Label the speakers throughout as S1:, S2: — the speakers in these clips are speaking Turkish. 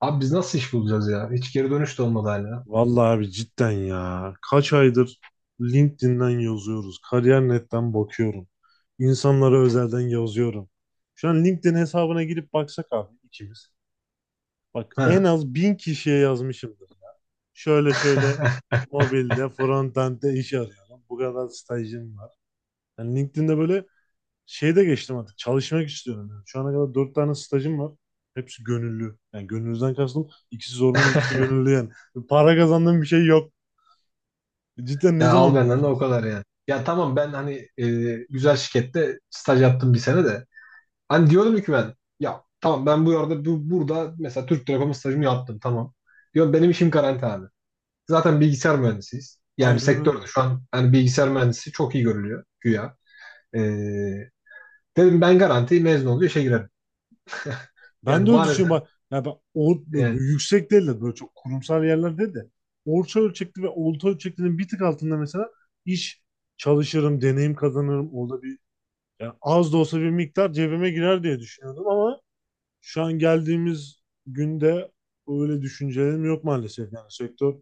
S1: Abi biz nasıl iş bulacağız ya? Hiç geri dönüş de olmadı hala.
S2: Vallahi abi cidden ya. Kaç aydır LinkedIn'den yazıyoruz. Kariyer.net'ten bakıyorum. İnsanlara özelden yazıyorum. Şu an LinkedIn hesabına girip baksak abi ikimiz. Bak en
S1: Ha.
S2: az bin kişiye yazmışımdır. Şöyle şöyle mobilde, frontend'de iş arıyorum. Bu kadar stajım var. Yani LinkedIn'de böyle şeyde geçtim artık. Çalışmak istiyorum. Yani şu ana kadar dört tane stajım var. Hepsi gönüllü. Yani gönüllüden kastım ikisi zorunlu, ikisi gönüllü yani. Para kazandığım bir şey yok. Cidden ne
S1: Ya al
S2: zaman
S1: benden de o
S2: bulacağız?
S1: kadar yani. Ya tamam ben hani güzel şirkette staj yaptım bir sene de. Hani diyordum ki ben ya tamam ben bu arada burada mesela Türk Telekom'un stajımı yaptım tamam. Diyorum benim işim garanti abi. Zaten bilgisayar mühendisiyiz. Yani
S2: Aynen
S1: sektörde
S2: öyle.
S1: şu an hani bilgisayar mühendisi çok iyi görülüyor güya. E, dedim ben garanti mezun oluyor işe girerim. Yani
S2: Ben de öyle düşünüyorum.
S1: maalesef
S2: Bak, ya ben böyle
S1: yani.
S2: yüksek değil de böyle çok kurumsal yerlerde de orta ölçekli ve orta ölçeklinin bir tık altında mesela iş çalışırım, deneyim kazanırım. Orada bir yani az da olsa bir miktar cebime girer diye düşünüyordum ama şu an geldiğimiz günde öyle düşüncelerim yok maalesef. Yani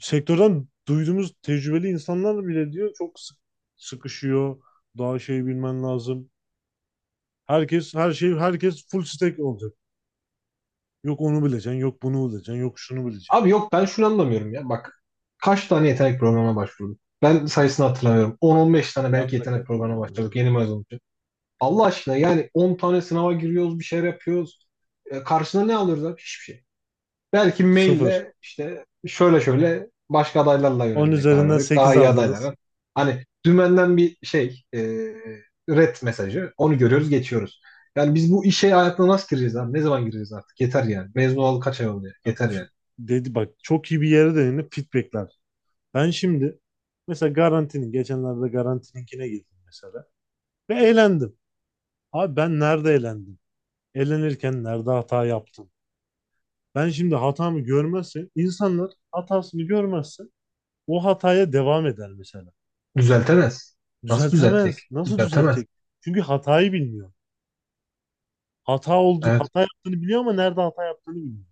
S2: sektörden duyduğumuz tecrübeli insanlar bile diyor çok sıkışıyor. Daha şey bilmen lazım. Herkes her şey herkes full stack olacak. Yok onu bileceksin, yok bunu bileceksin, yok şunu bileceksin.
S1: Abi yok ben şunu anlamıyorum ya. Bak kaç tane yetenek programına başvurduk? Ben sayısını hatırlamıyorum. 10-15 tane belki
S2: Ben de
S1: yetenek programına
S2: katıldım,
S1: başladık
S2: yani.
S1: yeni mezun için. Allah aşkına yani 10 tane sınava giriyoruz, bir şeyler yapıyoruz. E, karşına ne alıyoruz abi? Hiçbir şey. Belki
S2: Sıfır.
S1: maille işte şöyle şöyle başka adaylarla
S2: 10
S1: yönelmeye karar
S2: üzerinden
S1: verdik. Daha
S2: sekiz
S1: iyi
S2: aldınız.
S1: adaylara. Hani dümenden bir şey red mesajı. Onu görüyoruz geçiyoruz. Yani biz bu işe hayatına nasıl gireceğiz abi? Ne zaman gireceğiz artık? Yeter yani. Mezun olalı kaç ay oldu ya?
S2: Ya,
S1: Yeter
S2: f-
S1: yani.
S2: Dedi bak çok iyi bir yere değindi feedbackler. Ben şimdi mesela geçenlerde Garanti'ninkine girdim mesela ve eğlendim. Abi ben nerede eğlendim? Eğlenirken nerede hata yaptım? Ben şimdi hatamı görmezse insanlar hatasını görmezse o hataya devam eder mesela.
S1: Düzeltemez. Nasıl düzeltecek?
S2: Düzeltemez. Nasıl
S1: Düzeltemez.
S2: düzeltecek? Çünkü hatayı bilmiyor. Hata oldu,
S1: Evet.
S2: hata yaptığını biliyor ama nerede hata yaptığını bilmiyor.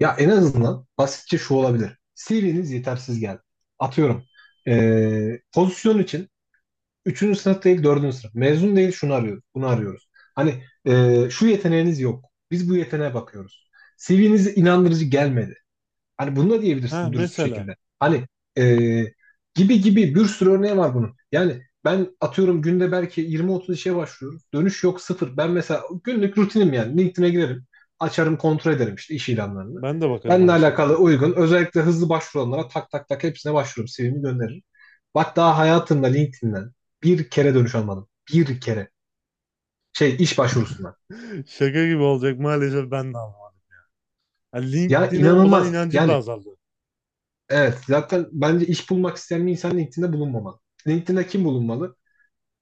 S1: Ya en azından basitçe şu olabilir. CV'niz yetersiz geldi. Atıyorum. Pozisyon için 3. sınıf değil 4. sınıf. Mezun değil şunu arıyoruz. Bunu arıyoruz. Hani şu yeteneğiniz yok. Biz bu yeteneğe bakıyoruz. CV'niz inandırıcı gelmedi. Hani bunu da
S2: Ha
S1: diyebilirsin dürüst bir
S2: mesela
S1: şekilde. Hani e, gibi gibi bir sürü örneği var bunun. Yani ben atıyorum günde belki 20-30 işe başvuruyorum. Dönüş yok sıfır. Ben mesela günlük rutinim yani. LinkedIn'e girerim. Açarım kontrol ederim işte iş ilanlarını.
S2: ben de bakarım
S1: Benimle
S2: aynı
S1: alakalı
S2: şekilde.
S1: uygun özellikle hızlı başvuranlara tak tak tak hepsine başvururum. CV'mi gönderirim. Bak daha hayatımda LinkedIn'den bir kere dönüş almadım. Bir kere. Şey iş başvurusundan.
S2: Şaka gibi olacak maalesef ben de ama. Ha,
S1: Ya
S2: LinkedIn'e olan
S1: inanılmaz.
S2: inancım da
S1: Yani.
S2: azaldı.
S1: Evet, zaten bence iş bulmak isteyen bir insan LinkedIn'de bulunmamalı. LinkedIn'de kim bulunmalı?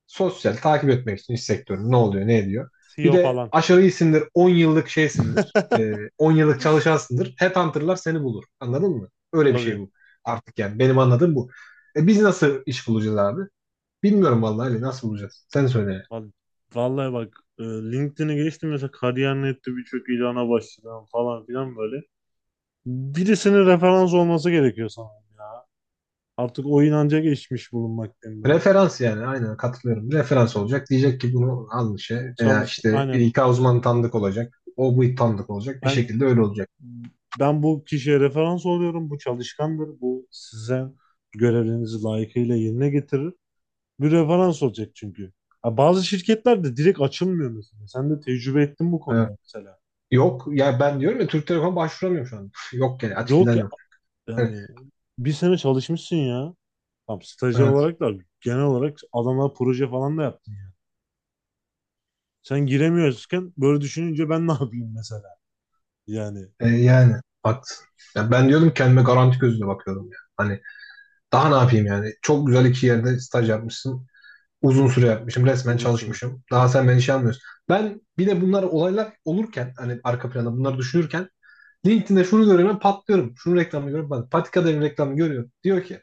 S1: Sosyal, takip etmek için iş sektörü ne oluyor, ne ediyor. Bir
S2: CEO
S1: de
S2: falan.
S1: aşırı iyisindir, 10 yıllık şeysindir, 10 yıllık çalışansındır. Headhunter'lar seni bulur. Anladın mı? Öyle bir şey
S2: Tabii.
S1: bu artık yani. Benim anladığım bu. E, biz nasıl iş bulacağız abi? Bilmiyorum vallahi Ali, nasıl bulacağız? Sen söyle.
S2: Val- Vallahi bak LinkedIn'e geçtim mesela kariyer nokta nette birçok ilana başladım falan filan böyle. Birisinin referans olması gerekiyor sanırım ya. Artık o inanca geçmiş bulunmaktayım böyle.
S1: Referans yani aynen katılıyorum. Referans
S2: Yani
S1: olacak. Diyecek ki bunu almış ya. Veya
S2: çalış
S1: işte
S2: aynen
S1: İK uzmanı tanıdık olacak. O bu tanıdık olacak. Bir
S2: ben
S1: şekilde öyle olacak.
S2: ben bu kişiye referans oluyorum. Bu çalışkandır. Bu size görevlerinizi layıkıyla yerine getirir. Bir referans olacak çünkü. Ha, bazı şirketler de direkt açılmıyor mesela. Sen de tecrübe ettin bu
S1: E,
S2: konuda mesela.
S1: yok ya ben diyorum ya Türk Telekom başvuramıyorum şu an. Yok yani açık
S2: Yok
S1: ilan
S2: ya,
S1: yok. Evet,
S2: yani bir sene çalışmışsın ya. Tam stajyer
S1: evet.
S2: olarak da genel olarak adamlar proje falan da yaptın ya. Sen giremiyorken böyle düşününce ben ne yapayım mesela? Yani
S1: E, yani haklısın. Ya ben diyordum kendime garanti gözüyle bakıyordum ya. Hani daha ne yapayım yani? Çok güzel iki yerde staj yapmışsın. Uzun süre yapmışım. Resmen
S2: uzun süre.
S1: çalışmışım. Daha sen beni şey almıyorsun. Ben bir de bunlar olaylar olurken hani arka planda bunları düşünürken LinkedIn'de şunu görüyorum ben patlıyorum. Şunun reklamını görüyorum. Ben Patika Devi reklamını görüyorum. Diyor ki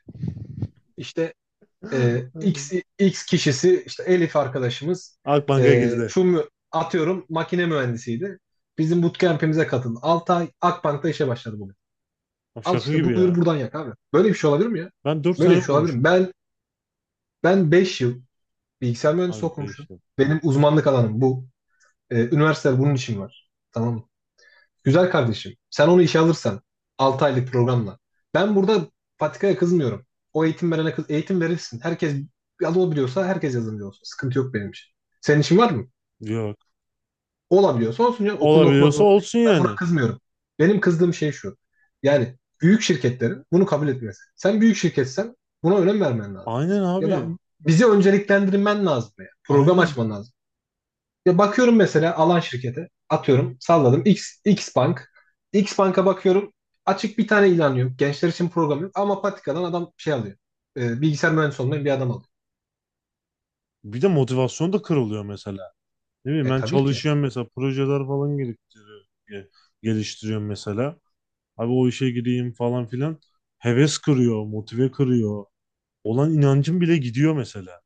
S1: işte E,
S2: Hı.
S1: X, X kişisi işte Elif arkadaşımız
S2: Akbank'a
S1: e,
S2: girdi.
S1: şu mü- atıyorum makine mühendisiydi. Bizim bootcamp'imize katıldı. 6 ay Akbank'ta işe başladı bugün.
S2: Ya,
S1: Al
S2: şaka
S1: işte
S2: gibi
S1: buyur
S2: ya.
S1: buradan yak abi. Böyle bir şey olabilir mi ya?
S2: Ben 4
S1: Böyle
S2: sene
S1: bir şey olabilir mi?
S2: okumuşum.
S1: Ben 5 yıl bilgisayar mühendisi
S2: Abi 5.
S1: okumuşum. Benim uzmanlık alanım bu. E, üniversiteler bunun için var. Tamam mı? Güzel kardeşim. Sen onu işe alırsan 6 aylık programla. Ben burada Patika'ya kızmıyorum. O eğitim verene kız eğitim verirsin. Herkes yazılı biliyorsa herkes yazılımcı olsun. Sıkıntı yok benim için. Senin için var mı?
S2: Yok.
S1: Olabiliyorsa olsun canım. Okulunu okumak
S2: Olabiliyorsa
S1: zorunda değil.
S2: olsun
S1: Ben buna
S2: yani.
S1: kızmıyorum. Benim kızdığım şey şu. Yani büyük şirketlerin bunu kabul etmesi. Sen büyük şirketsen buna önem vermen lazım.
S2: Aynen
S1: Ya da
S2: abi.
S1: bizi önceliklendirmen lazım. Yani. Program
S2: Aynen.
S1: açman lazım. Ya bakıyorum mesela alan şirkete atıyorum salladım X Bank. X Bank'a bakıyorum açık bir tane ilan yok. Gençler için program yok ama patikadan adam şey alıyor. E, bilgisayar mühendisi olmayan bir adam alıyor.
S2: Bir de motivasyon da kırılıyor mesela. Ne bileyim
S1: E
S2: ben
S1: tabii ki.
S2: çalışıyorum mesela projeler falan geliştiriyorum, geliştiriyorum mesela. Abi o işe gireyim falan filan. Heves kırıyor, motive kırıyor. Olan inancım bile gidiyor mesela.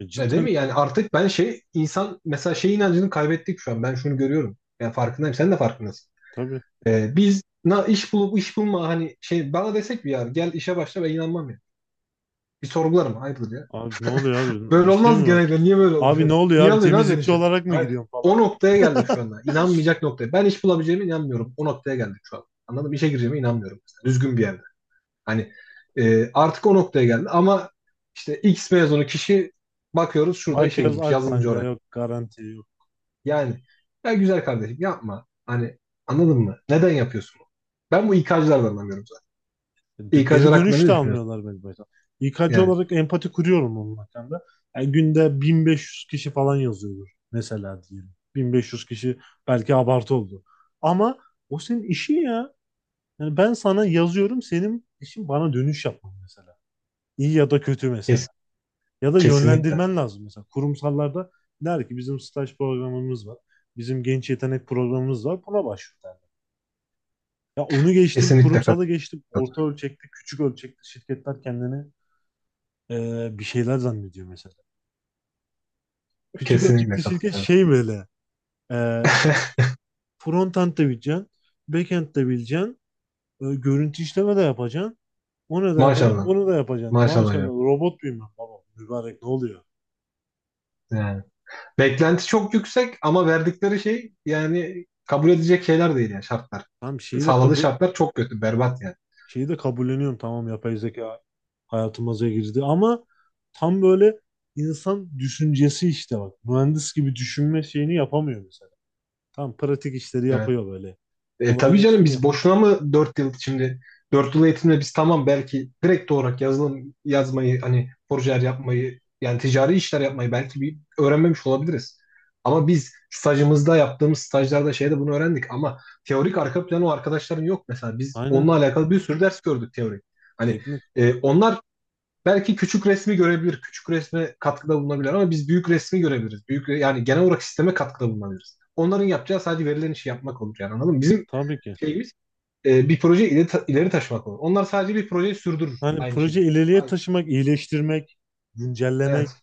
S2: E
S1: E değil
S2: cidden
S1: mi? Yani artık ben şey insan mesela şey inancını kaybettik şu an. Ben şunu görüyorum. Yani farkındayım. Sen de farkındasın.
S2: tabii.
S1: E, biz iş bulma hani şey bana desek bir yer gel işe başla ben inanmam ya. Bir sorgularım hayırdır ya.
S2: Abi ne oluyor abi?
S1: Böyle
S2: Bir şey
S1: olmaz
S2: mi var?
S1: genelde. Niye böyle
S2: Abi ne
S1: oldu?
S2: oluyor
S1: Niye
S2: abi?
S1: alıyorsun abi beni
S2: Temizlikçi
S1: işi?
S2: olarak mı
S1: Hayır,
S2: gidiyorum falan?
S1: o noktaya geldik şu anda. İnanmayacak noktaya. Ben iş bulabileceğime inanmıyorum. O noktaya geldik şu an. Anladım. İşe gireceğime inanmıyorum mesela. Düzgün bir yerde. Hani artık o noktaya geldi. Ama işte X mezunu kişi bakıyoruz şurada işe
S2: Bakıyoruz
S1: girmiş yazılımcı
S2: Akbank'a
S1: olarak.
S2: yok garanti.
S1: Yani ya güzel kardeşim yapma. Hani anladın mı? Neden yapıyorsun bunu? Ben bu İK'cılardan anlamıyorum zaten.
S2: Geri
S1: İK'cılar hakkında
S2: dönüş
S1: ne
S2: de
S1: düşünüyorsun?
S2: almıyorlar beni mesela. İK'cı
S1: Yani
S2: olarak empati kuruyorum onun hakkında. Yani günde 1500 kişi falan yazıyordur mesela diyelim. 1500 kişi belki abartı oldu. Ama o senin işin ya. Yani ben sana yazıyorum senin işin bana dönüş yapman mesela. İyi ya da kötü mesela.
S1: kes-
S2: Ya da
S1: kesinlikle.
S2: yönlendirmen lazım mesela. Kurumsallarda der ki bizim staj programımız var. Bizim genç yetenek programımız var. Buna başvur derler. Ya onu geçtim,
S1: Kesinlikle katılıyorum.
S2: kurumsala geçtim. Orta ölçekli, küçük ölçekli şirketler kendini bir şeyler zannediyor mesela. Küçük
S1: Kesinlikle
S2: ölçekli şirket
S1: katılıyorum.
S2: şey böyle e, front de bileceksin, backend de bileceksin, görüntü işleme de yapacaksın, onu da yapacaksın,
S1: Maşallah.
S2: bunu da yapacaksın.
S1: Maşallah
S2: Maşallah
S1: ya.
S2: robot muyum ben baba? Mübarek ne oluyor?
S1: Yani. Beklenti çok yüksek ama verdikleri şey yani kabul edecek şeyler değil yani şartlar.
S2: Tamam
S1: Sağladığı şartlar çok kötü, berbat yani.
S2: şeyi de kabulleniyorum tamam yapay zeka hayatımıza girdi ama tam böyle insan düşüncesi işte bak. Mühendis gibi düşünme şeyini yapamıyor mesela. Tam pratik işleri
S1: Evet.
S2: yapıyor böyle.
S1: E, tabii canım
S2: Kolaylaştırıyor.
S1: biz boşuna mı 4 yıl şimdi 4 yıl eğitimde biz tamam belki direkt olarak yazılım yazmayı hani projeler yapmayı yani ticari işler yapmayı belki bir öğrenmemiş olabiliriz. Ama biz stajımızda yaptığımız stajlarda şeyde bunu öğrendik ama teorik arka planı o arkadaşların yok mesela. Biz
S2: Aynen.
S1: onunla alakalı bir sürü ders gördük teorik. Hani
S2: Teknik.
S1: onlar belki küçük resmi görebilir, küçük resme katkıda bulunabilir ama biz büyük resmi görebiliriz. Büyük yani genel olarak sisteme katkıda bulunabiliriz. Onların yapacağı sadece verilen işi yapmak olur yani anladın mı? Bizim
S2: Tabii ki.
S1: şeyimiz bir proje ileri taşımak olur. Onlar sadece bir projeyi sürdürür
S2: Hani
S1: aynı
S2: proje
S1: şekilde.
S2: ileriye
S1: Aynen.
S2: taşımak, iyileştirmek,
S1: Evet,
S2: güncellemek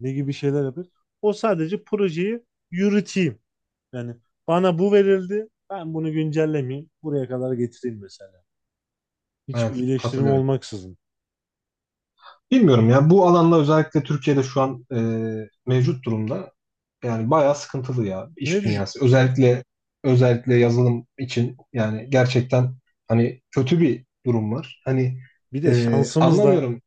S2: ne gibi şeyler yapıyor. O sadece projeyi yürüteyim. Yani bana bu verildi, ben bunu güncellemeyeyim, buraya kadar getireyim mesela. Hiçbir
S1: evet
S2: iyileştirme
S1: katılıyorum.
S2: olmaksızın.
S1: Bilmiyorum ya bu alanda özellikle Türkiye'de şu an mevcut durumda yani bayağı sıkıntılı ya
S2: Ne
S1: iş
S2: düşün?
S1: dünyası. Özellikle yazılım için yani gerçekten hani kötü bir durum var. Hani
S2: Bir de şansımız da
S1: anlamıyorum.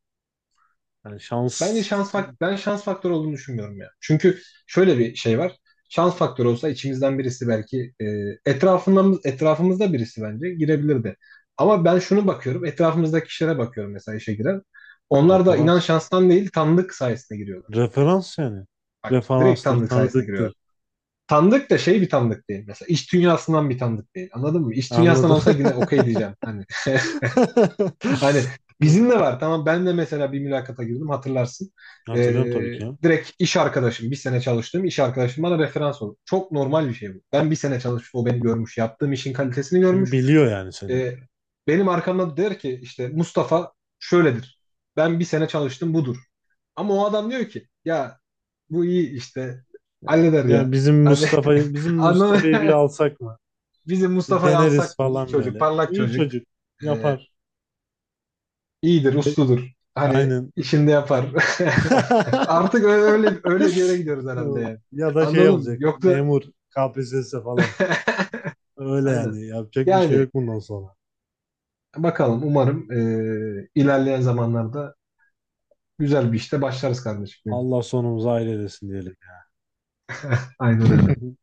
S2: yani
S1: Bence
S2: şans
S1: şans ben şans faktörü olduğunu düşünmüyorum ya. Çünkü şöyle bir şey var. Şans faktörü olsa içimizden birisi belki etrafımızda birisi bence girebilirdi. Ama ben şunu bakıyorum. Etrafımızdaki kişilere bakıyorum mesela işe giren. Onlar da inan
S2: referans
S1: şanstan değil tanıdık sayesinde giriyorlar. Yani
S2: referans yani
S1: bak direkt
S2: referanstır,
S1: tanıdık sayesinde giriyorlar.
S2: tanıdıktır.
S1: Tanıdık da şey bir tanıdık değil. Mesela iş dünyasından bir tanıdık değil. Anladın mı? İş dünyasından
S2: Anladım.
S1: olsa yine okey diyeceğim. Hani Hani bizim de var. Tamam ben de mesela bir mülakata girdim hatırlarsın. Ee,
S2: Hatırlıyorum tabii ki ya.
S1: direkt iş arkadaşım, bir sene çalıştığım iş arkadaşım bana referans oldu. Çok normal bir şey bu. Ben bir sene çalışmış, o beni görmüş. Yaptığım işin kalitesini
S2: Çünkü
S1: görmüş.
S2: biliyor yani seni.
S1: Ee, benim arkamda der ki işte Mustafa şöyledir. Ben bir sene çalıştım budur. Ama o adam diyor ki ya bu iyi işte
S2: Ya,
S1: halleder
S2: ya
S1: ya. Hani
S2: Bizim
S1: anladın
S2: Mustafa'yı bir
S1: mı?
S2: alsak mı?
S1: bizim
S2: Bir
S1: Mustafa'yı
S2: deneriz
S1: alsak mı? İyi
S2: falan
S1: çocuk,
S2: böyle.
S1: parlak
S2: İyi
S1: çocuk.
S2: çocuk
S1: Ee,
S2: yapar.
S1: İyidir,
S2: E,
S1: usludur. Hani
S2: aynen.
S1: işinde yapar. Artık öyle öyle bir yere gidiyoruz herhalde yani.
S2: Ya da şey
S1: Anladın mı?
S2: olacak.
S1: Yoksa
S2: Memur KPSS falan. Öyle
S1: aynen.
S2: yani. Yapacak bir şey
S1: Yani
S2: yok bundan sonra.
S1: bakalım umarım ilerleyen zamanlarda güzel bir işte başlarız kardeşim.
S2: Allah sonumuzu hayır eylesin diyelim.
S1: Aynen öyle.